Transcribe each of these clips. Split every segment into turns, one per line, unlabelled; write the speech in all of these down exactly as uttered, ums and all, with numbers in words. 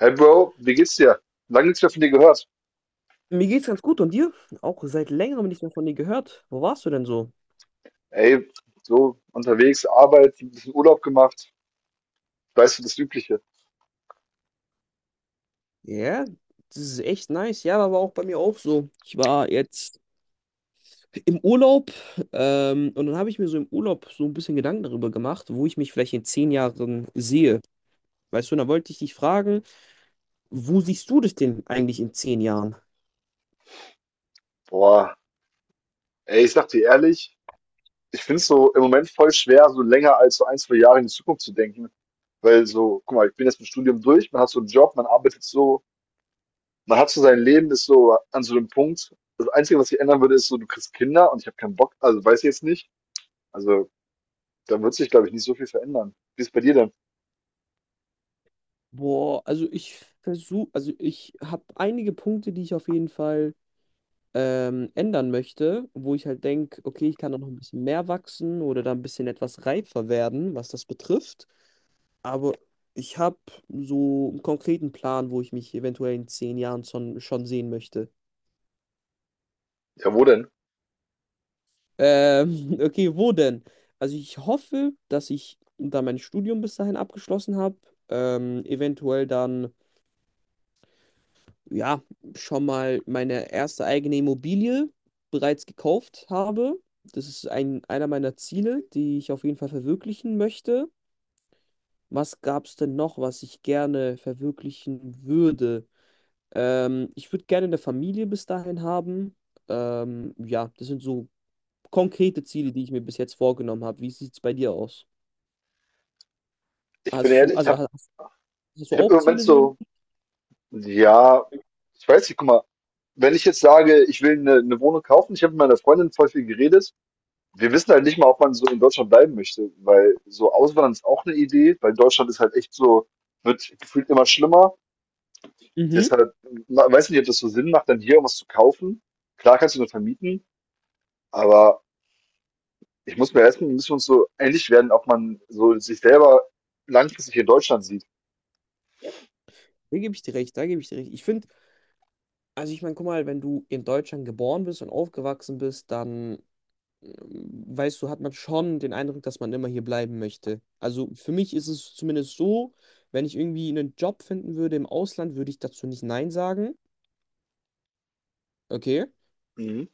Hey Bro, wie geht's dir? Lange nichts mehr von dir gehört.
Mir geht's ganz gut und dir? Auch seit längerem nicht mehr von dir gehört. Wo warst du denn so?
Ey, so unterwegs, Arbeit, ein bisschen Urlaub gemacht, weißt du, das Übliche.
Ja, das ist echt nice. Ja, war aber auch bei mir auch so. Ich war jetzt im Urlaub ähm, und dann habe ich mir so im Urlaub so ein bisschen Gedanken darüber gemacht, wo ich mich vielleicht in zehn Jahren sehe. Weißt du, und da wollte ich dich fragen, wo siehst du dich denn eigentlich in zehn Jahren?
Boah, ey, ich sag dir ehrlich, ich find's so im Moment voll schwer, so länger als so ein, zwei Jahre in die Zukunft zu denken. Weil so, guck mal, ich bin jetzt mit dem Studium durch, man hat so einen Job, man arbeitet so, man hat so sein Leben, ist so an so einem Punkt. Das Einzige, was sich ändern würde, ist so, du kriegst Kinder und ich habe keinen Bock, also weiß ich jetzt nicht. Also, da wird sich, glaube ich, nicht so viel verändern. Wie ist bei dir denn?
Boah, also ich versuche, also ich habe einige Punkte, die ich auf jeden Fall ähm, ändern möchte, wo ich halt denke, okay, ich kann da noch ein bisschen mehr wachsen oder da ein bisschen etwas reifer werden, was das betrifft. Aber ich habe so einen konkreten Plan, wo ich mich eventuell in zehn Jahren schon, schon sehen möchte.
Ja, wo denn?
Ähm, okay, wo denn? Also ich hoffe, dass ich da mein Studium bis dahin abgeschlossen habe. Ähm, eventuell dann ja, schon mal meine erste eigene Immobilie bereits gekauft habe. Das ist ein, einer meiner Ziele, die ich auf jeden Fall verwirklichen möchte. Was gab es denn noch, was ich gerne verwirklichen würde? Ähm, ich würde gerne eine Familie bis dahin haben. Ähm, ja, das sind so konkrete Ziele, die ich mir bis jetzt vorgenommen habe. Wie sieht es bei dir aus?
Ich bin
Hast du,
ehrlich, ich
also
habe
hast, hast du
ich hab im
auch
Moment
Ziele so in?
so. Ja, ich weiß nicht, guck mal, wenn ich jetzt sage, ich will eine 'ne Wohnung kaufen, ich habe mit meiner Freundin voll viel geredet. Wir wissen halt nicht mal, ob man so in Deutschland bleiben möchte, weil so auswandern ist auch eine Idee, weil Deutschland ist halt echt so, wird gefühlt immer schlimmer.
Mhm.
Deshalb, ma weiß nicht, ob das so Sinn macht, dann hier irgendwas zu kaufen. Klar kannst du nur vermieten, aber ich muss mir erst mal, müssen wir uns so einig werden, ob man so sich selber langfristig in Deutschland sieht.
Da gebe ich dir recht, da gebe ich dir recht. Ich finde, Also ich meine, guck mal, wenn du in Deutschland geboren bist und aufgewachsen bist, dann ähm, weißt du, hat man schon den Eindruck, dass man immer hier bleiben möchte. Also für mich ist es zumindest so, wenn ich irgendwie einen Job finden würde im Ausland, würde ich dazu nicht Nein sagen. Okay.
Mhm,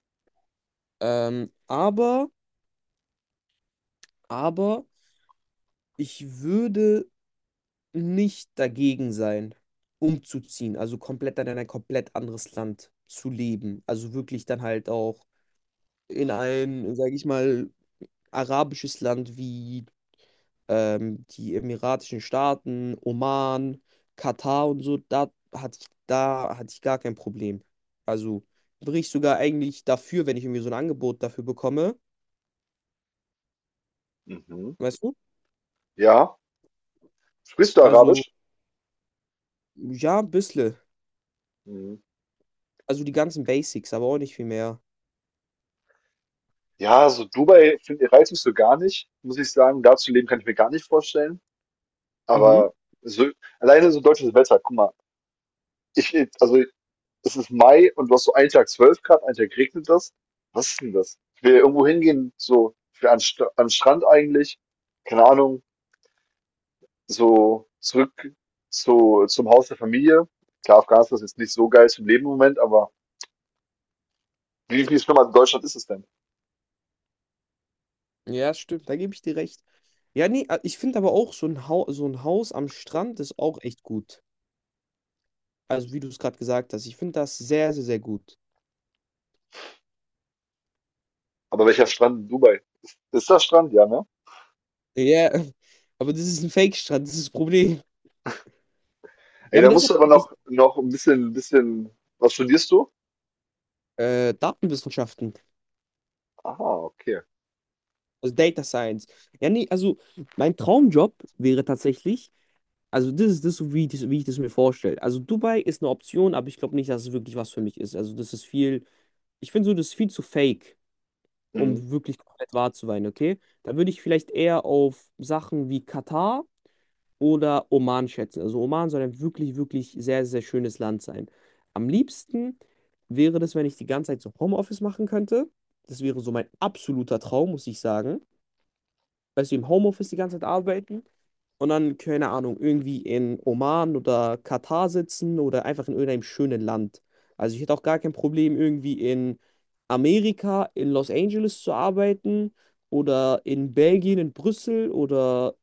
Ähm, aber, aber ich würde nicht dagegen sein, umzuziehen. Also komplett dann in ein komplett anderes Land zu leben. Also wirklich dann halt auch in ein, sage ich mal, arabisches Land wie ähm, die Emiratischen Staaten, Oman, Katar und so, da hatte ich, da hatte ich gar kein Problem. Also wäre ich sogar eigentlich dafür, wenn ich irgendwie so ein Angebot dafür bekomme.
mhm.
Weißt du?
Ja. Sprichst du
Also,
Arabisch?
ja, ein bisschen.
Mhm.
Also die ganzen Basics, aber auch nicht viel mehr.
Ja, so Dubai, find reizt mich so gar nicht, muss ich sagen. Da zu leben, kann ich mir gar nicht vorstellen.
Mhm.
Aber so, alleine so deutsches Wetter, guck mal, ich, also es ist Mai und du hast so einen Tag zwölf Grad, einen Tag regnet das. Was ist denn das? Ich will irgendwo hingehen, so für an, St- an den Strand eigentlich, keine Ahnung, so zurück zu, zum Haus der Familie. Klar, Afghanistan ist jetzt nicht so geil zum Leben im Moment, aber wie viel schlimmer als in Deutschland ist es denn?
Ja, stimmt, da gebe ich dir recht. Ja, nee, äh, ich finde aber auch so ein Haus, so ein Haus am Strand ist auch echt gut. Also, wie du es gerade gesagt hast, ich finde das sehr, sehr, sehr gut.
Aber welcher Strand in Dubai? Ist, ist das Strand, ja, ne?
Ja, aber das ist ein Fake-Strand, das ist das Problem.
Ey,
Ja, aber
da musst
deshalb.
du aber noch, noch ein bisschen, bisschen. Was studierst du?
Äh, Datenwissenschaften,
Aha, okay.
also Data Science. Ja, nee, also mein Traumjob wäre tatsächlich, also das ist das, so wie, ich das, wie ich das mir vorstelle. Also Dubai ist eine Option, aber ich glaube nicht, dass es wirklich was für mich ist. Also das ist viel, ich finde so, das ist viel zu fake,
Mhm.
um wirklich komplett wahr zu sein, okay? Da würde ich vielleicht eher auf Sachen wie Katar oder Oman schätzen. Also Oman soll ein wirklich, wirklich sehr, sehr schönes Land sein. Am liebsten wäre das, wenn ich die ganze Zeit so Homeoffice machen könnte. Das wäre so mein absoluter Traum, muss ich sagen. Weißt du, im Homeoffice die ganze Zeit arbeiten und dann, keine Ahnung, irgendwie in Oman oder Katar sitzen oder einfach in irgendeinem schönen Land. Also ich hätte auch gar kein Problem, irgendwie in Amerika, in Los Angeles zu arbeiten oder in Belgien, in Brüssel oder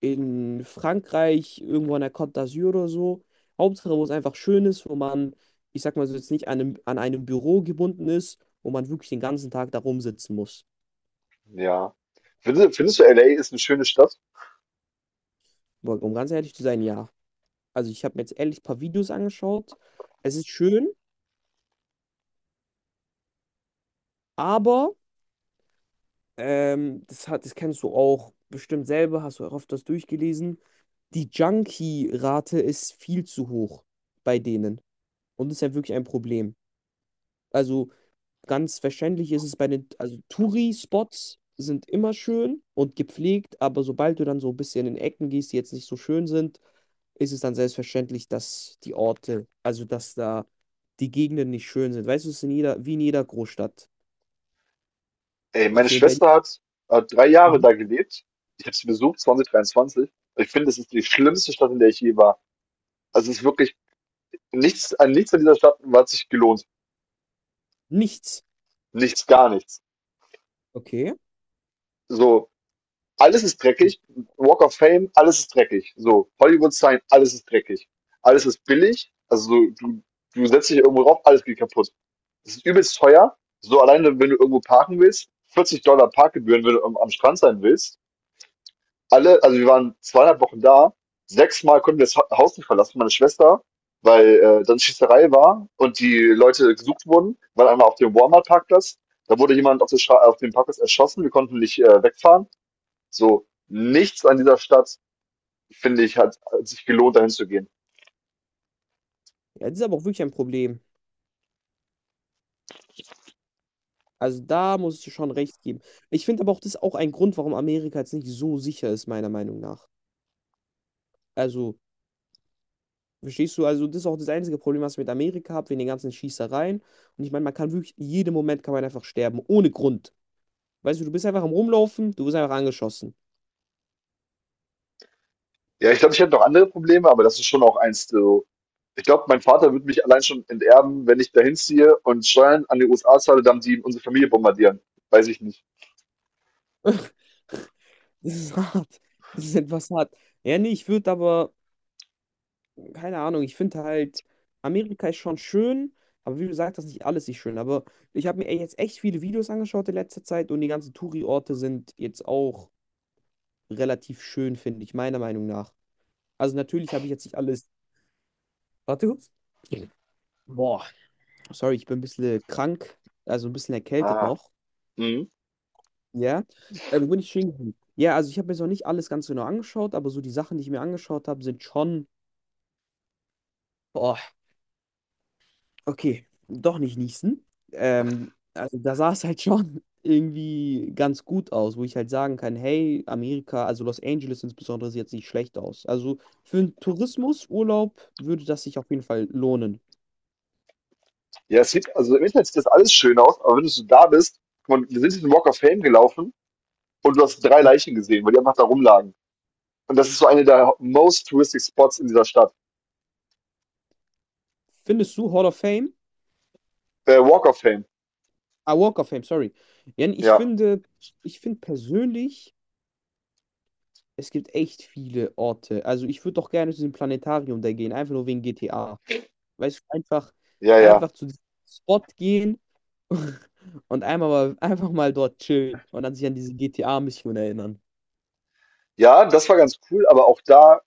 in Frankreich, irgendwo an der Côte d'Azur oder so. Hauptsache, wo es einfach schön ist, wo man, ich sag mal so, jetzt nicht an einem, an einem Büro gebunden ist, wo man wirklich den ganzen Tag da rumsitzen muss.
Ja. Findest, findest du, L A ist eine schöne Stadt?
Aber Um ganz ehrlich zu sein, ja. Also ich habe mir jetzt ehrlich ein paar Videos angeschaut. Es ist schön, aber ähm, das hat, das kennst du auch bestimmt selber, hast du auch oft das durchgelesen. Die Junkie-Rate ist viel zu hoch bei denen. Und das ist ja wirklich ein Problem. Also ganz wahrscheinlich ist es bei den, also Touri-Spots sind immer schön und gepflegt, aber sobald du dann so ein bisschen in Ecken gehst, die jetzt nicht so schön sind, ist es dann selbstverständlich, dass die Orte, also dass da die Gegenden nicht schön sind. Weißt du, es ist in jeder, wie in jeder Großstadt.
Ey, meine
Weißt du, in Berlin.
Schwester hat, hat drei Jahre
Mhm.
da gelebt. Ich habe sie besucht, zwanzig dreiundzwanzig. Ich finde, es ist die schlimmste Stadt, in der ich je war. Also es ist wirklich nichts, an nichts an dieser Stadt hat sich gelohnt.
Nichts.
Nichts, gar nichts.
Okay.
So, alles ist dreckig. Walk of Fame, alles ist dreckig. So, Hollywood Sign, alles ist dreckig. Alles ist billig. Also so, du, du setzt dich irgendwo drauf, alles geht kaputt. Es ist übelst teuer. So alleine, wenn du irgendwo parken willst, vierzig Dollar Parkgebühren, wenn du am am Strand sein willst. Alle, also wir waren zweieinhalb Wochen da. Sechsmal konnten wir das Ha- Haus nicht verlassen, meine Schwester, weil äh, dann Schießerei war und die Leute gesucht wurden, weil einmal auf dem Walmart-Parkplatz, da wurde jemand auf, der Stra- auf dem Parkplatz erschossen, wir konnten nicht äh, wegfahren. So, nichts an dieser Stadt, finde ich, hat, hat sich gelohnt, dahin zu gehen.
Ja, das ist aber auch wirklich ein Problem. Also da muss ich dir schon recht geben. Ich finde aber auch, das ist auch ein Grund, warum Amerika jetzt nicht so sicher ist, meiner Meinung nach. Also verstehst du? Also, das ist auch das einzige Problem, was ich mit Amerika habe, wegen den ganzen Schießereien. Und ich meine, man kann wirklich, jeden Moment kann man einfach sterben, ohne Grund. Weißt du, du bist einfach am Rumlaufen, du wirst einfach angeschossen.
Ja, ich glaube, ich hätte noch andere Probleme, aber das ist schon auch eins, so. Ich glaube, mein Vater würde mich allein schon enterben, wenn ich dahin ziehe und Steuern an die U S A zahle, dann die unsere Familie bombardieren. Weiß ich nicht.
Das ist hart. Das ist etwas hart. Ja, nee, ich würde aber, keine Ahnung, ich finde halt, Amerika ist schon schön, aber wie du sagst, das ist nicht alles nicht schön. Aber ich habe mir ey, jetzt echt viele Videos angeschaut in letzter Zeit und die ganzen Touri-Orte sind jetzt auch relativ schön, finde ich, meiner Meinung nach. Also, natürlich habe ich jetzt nicht alles. Warte kurz. Boah. Sorry, ich bin ein bisschen äh, krank, also ein bisschen erkältet
Ah.
noch.
Mhm.
Ja, äh, bin ich stehen. Ja, also ich habe mir jetzt noch nicht alles ganz genau angeschaut, aber so die Sachen, die ich mir angeschaut habe, sind schon, boah, okay, doch nicht niesen. Ähm, also da sah es halt schon irgendwie ganz gut aus, wo ich halt sagen kann, hey, Amerika, also Los Angeles insbesondere, sieht jetzt nicht schlecht aus. Also für einen Tourismusurlaub würde das sich auf jeden Fall lohnen.
Ja, es sieht, also im Internet sieht das alles schön aus, aber wenn du so da bist, guck mal, wir sind diesen Walk of Fame gelaufen und du hast drei
Hm?
Leichen gesehen, weil die einfach da rumlagen. Und das ist so eine der most touristic Spots in dieser Stadt.
Findest du Hall of Fame?
Äh, Walk of Fame.
Ah, Walk of Fame, sorry. Jan, ich
Ja,
finde, ich finde persönlich. Es gibt echt viele Orte. Also ich würde doch gerne zu diesem Planetarium da gehen, einfach nur wegen G T A. Weißt du, einfach,
ja, ja.
einfach zu diesem Spot gehen und einmal mal, einfach mal dort chillen und dann sich an diese G T A-Mission erinnern.
Ja, das war ganz cool, aber auch da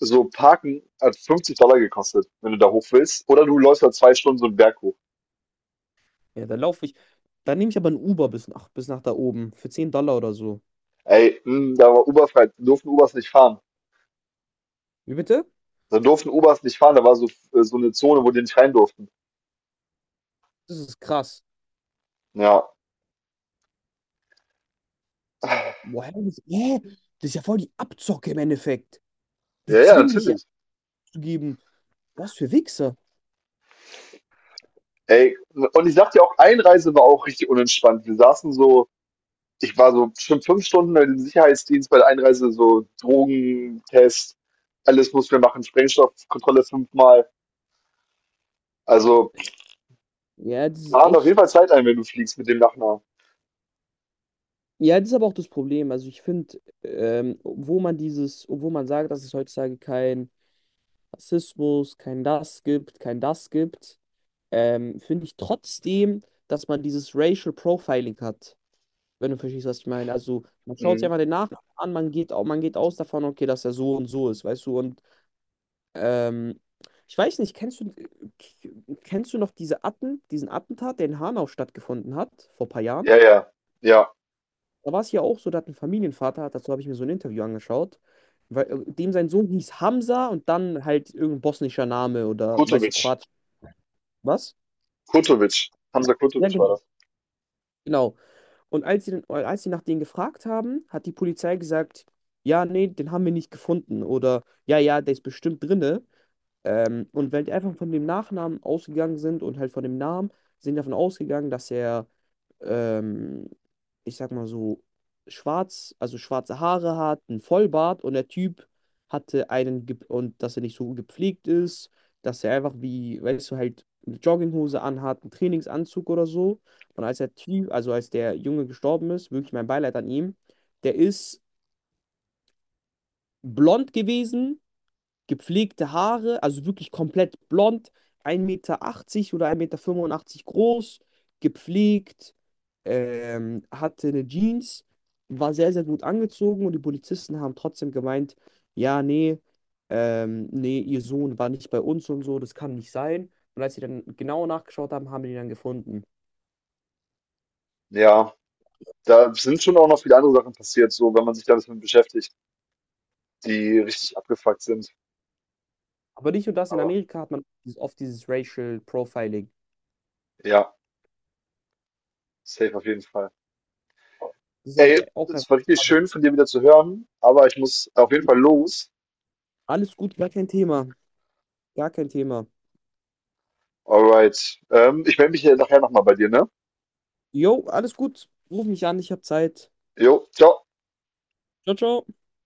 so Parken hat fünfzig gekostet, wenn du da hoch willst. Oder du läufst da zwei Stunden so 'n Berg hoch.
Ja, da laufe ich. Da nehme ich aber ein Uber bis nach, bis nach da oben. Für zehn Dollar oder so.
Ey, hm, da war Uberfrei, durften Ubers nicht fahren.
Wie bitte?
Da durften Ubers nicht fahren, da war so äh, so eine Zone, wo die nicht rein durften.
Das ist krass.
Ja.
Woher? Das, hä? Das ist ja voll die Abzocke im Endeffekt. Die
Ja, ja,
zwingen dich ja
natürlich.
abzugeben. Was für Wichser.
Ey, und ich sag dir auch, Einreise war auch richtig unentspannt. Wir saßen so ich war so bestimmt fünf Stunden bei dem Sicherheitsdienst bei der Einreise, so Drogentest, alles mussten wir machen, Sprengstoffkontrolle fünfmal. Also
Ja, das ist
plan auf
echt.
jeden Fall Zeit ein, wenn du fliegst mit dem Nachnamen.
Ja, das ist aber auch das Problem. Also ich finde, ähm, obwohl man dieses, obwohl man sagt, dass es heutzutage kein Rassismus, kein das gibt, kein das gibt, ähm, finde ich trotzdem, dass man dieses Racial Profiling hat, wenn du verstehst, was ich meine. Also man schaut sich
Mhm.
einfach den Nachnamen an, man geht, au- man geht aus davon, okay, dass er so und so ist, weißt du? Und ähm, ich weiß nicht, kennst du, äh, kennst du noch diese Atten, diesen Attentat, der in Hanau stattgefunden hat, vor ein paar Jahren?
Ja, ja. Ja.
Da war es ja auch so, da hat ein Familienvater, hat- dazu habe ich mir so ein Interview angeschaut, weil äh, dem sein Sohn hieß Hamza und dann halt irgendein bosnischer Name oder weißt du,
Kurtovic.
Kroatisch, was?
Kurtovic. Hamza
Ja,
Kurtovic war
genau.
das.
Genau. Und als sie, dann, als sie nach denen gefragt haben, hat die Polizei gesagt, ja, nee, den haben wir nicht gefunden oder ja, ja, der ist bestimmt drinne. Ähm, und weil die einfach von dem Nachnamen ausgegangen sind und halt von dem Namen, sind davon ausgegangen, dass er ähm, ich sag mal so, schwarz, also schwarze Haare hat, einen Vollbart und der Typ hatte einen, ge- und dass er nicht so gepflegt ist, dass er einfach wie, weißt du, halt eine Jogginghose anhat, einen Trainingsanzug oder so. Und als der Typ, also als der Junge gestorben ist, wirklich mein Beileid an ihm, der ist blond gewesen, gepflegte Haare, also wirklich komplett blond, ein Meter achtzig oder ein Meter fünfundachtzig groß, gepflegt, ähm, hatte eine Jeans, war sehr, sehr gut angezogen und die Polizisten haben trotzdem gemeint, ja, nee, ähm, nee, ihr Sohn war nicht bei uns und so, das kann nicht sein. Und als sie dann genauer nachgeschaut haben, haben die ihn dann gefunden.
Ja. Da sind schon auch noch viele andere Sachen passiert, so wenn man sich da ein bisschen beschäftigt, die richtig abgefuckt sind.
Aber nicht nur das, in
Aber
Amerika hat man dieses- oft dieses Racial Profiling.
ja, safe auf jeden Fall.
Das ist aber
Ey,
auch einfach
es war richtig
schade.
schön von dir wieder zu hören, aber ich muss auf jeden Fall los.
Alles gut, gar kein Thema. Gar kein Thema.
Alright. Ähm, ich melde mich hier nachher nochmal bei dir, ne?
Jo, alles gut. Ruf mich an, ich habe Zeit.
Jo, ciao.
Ciao, ciao.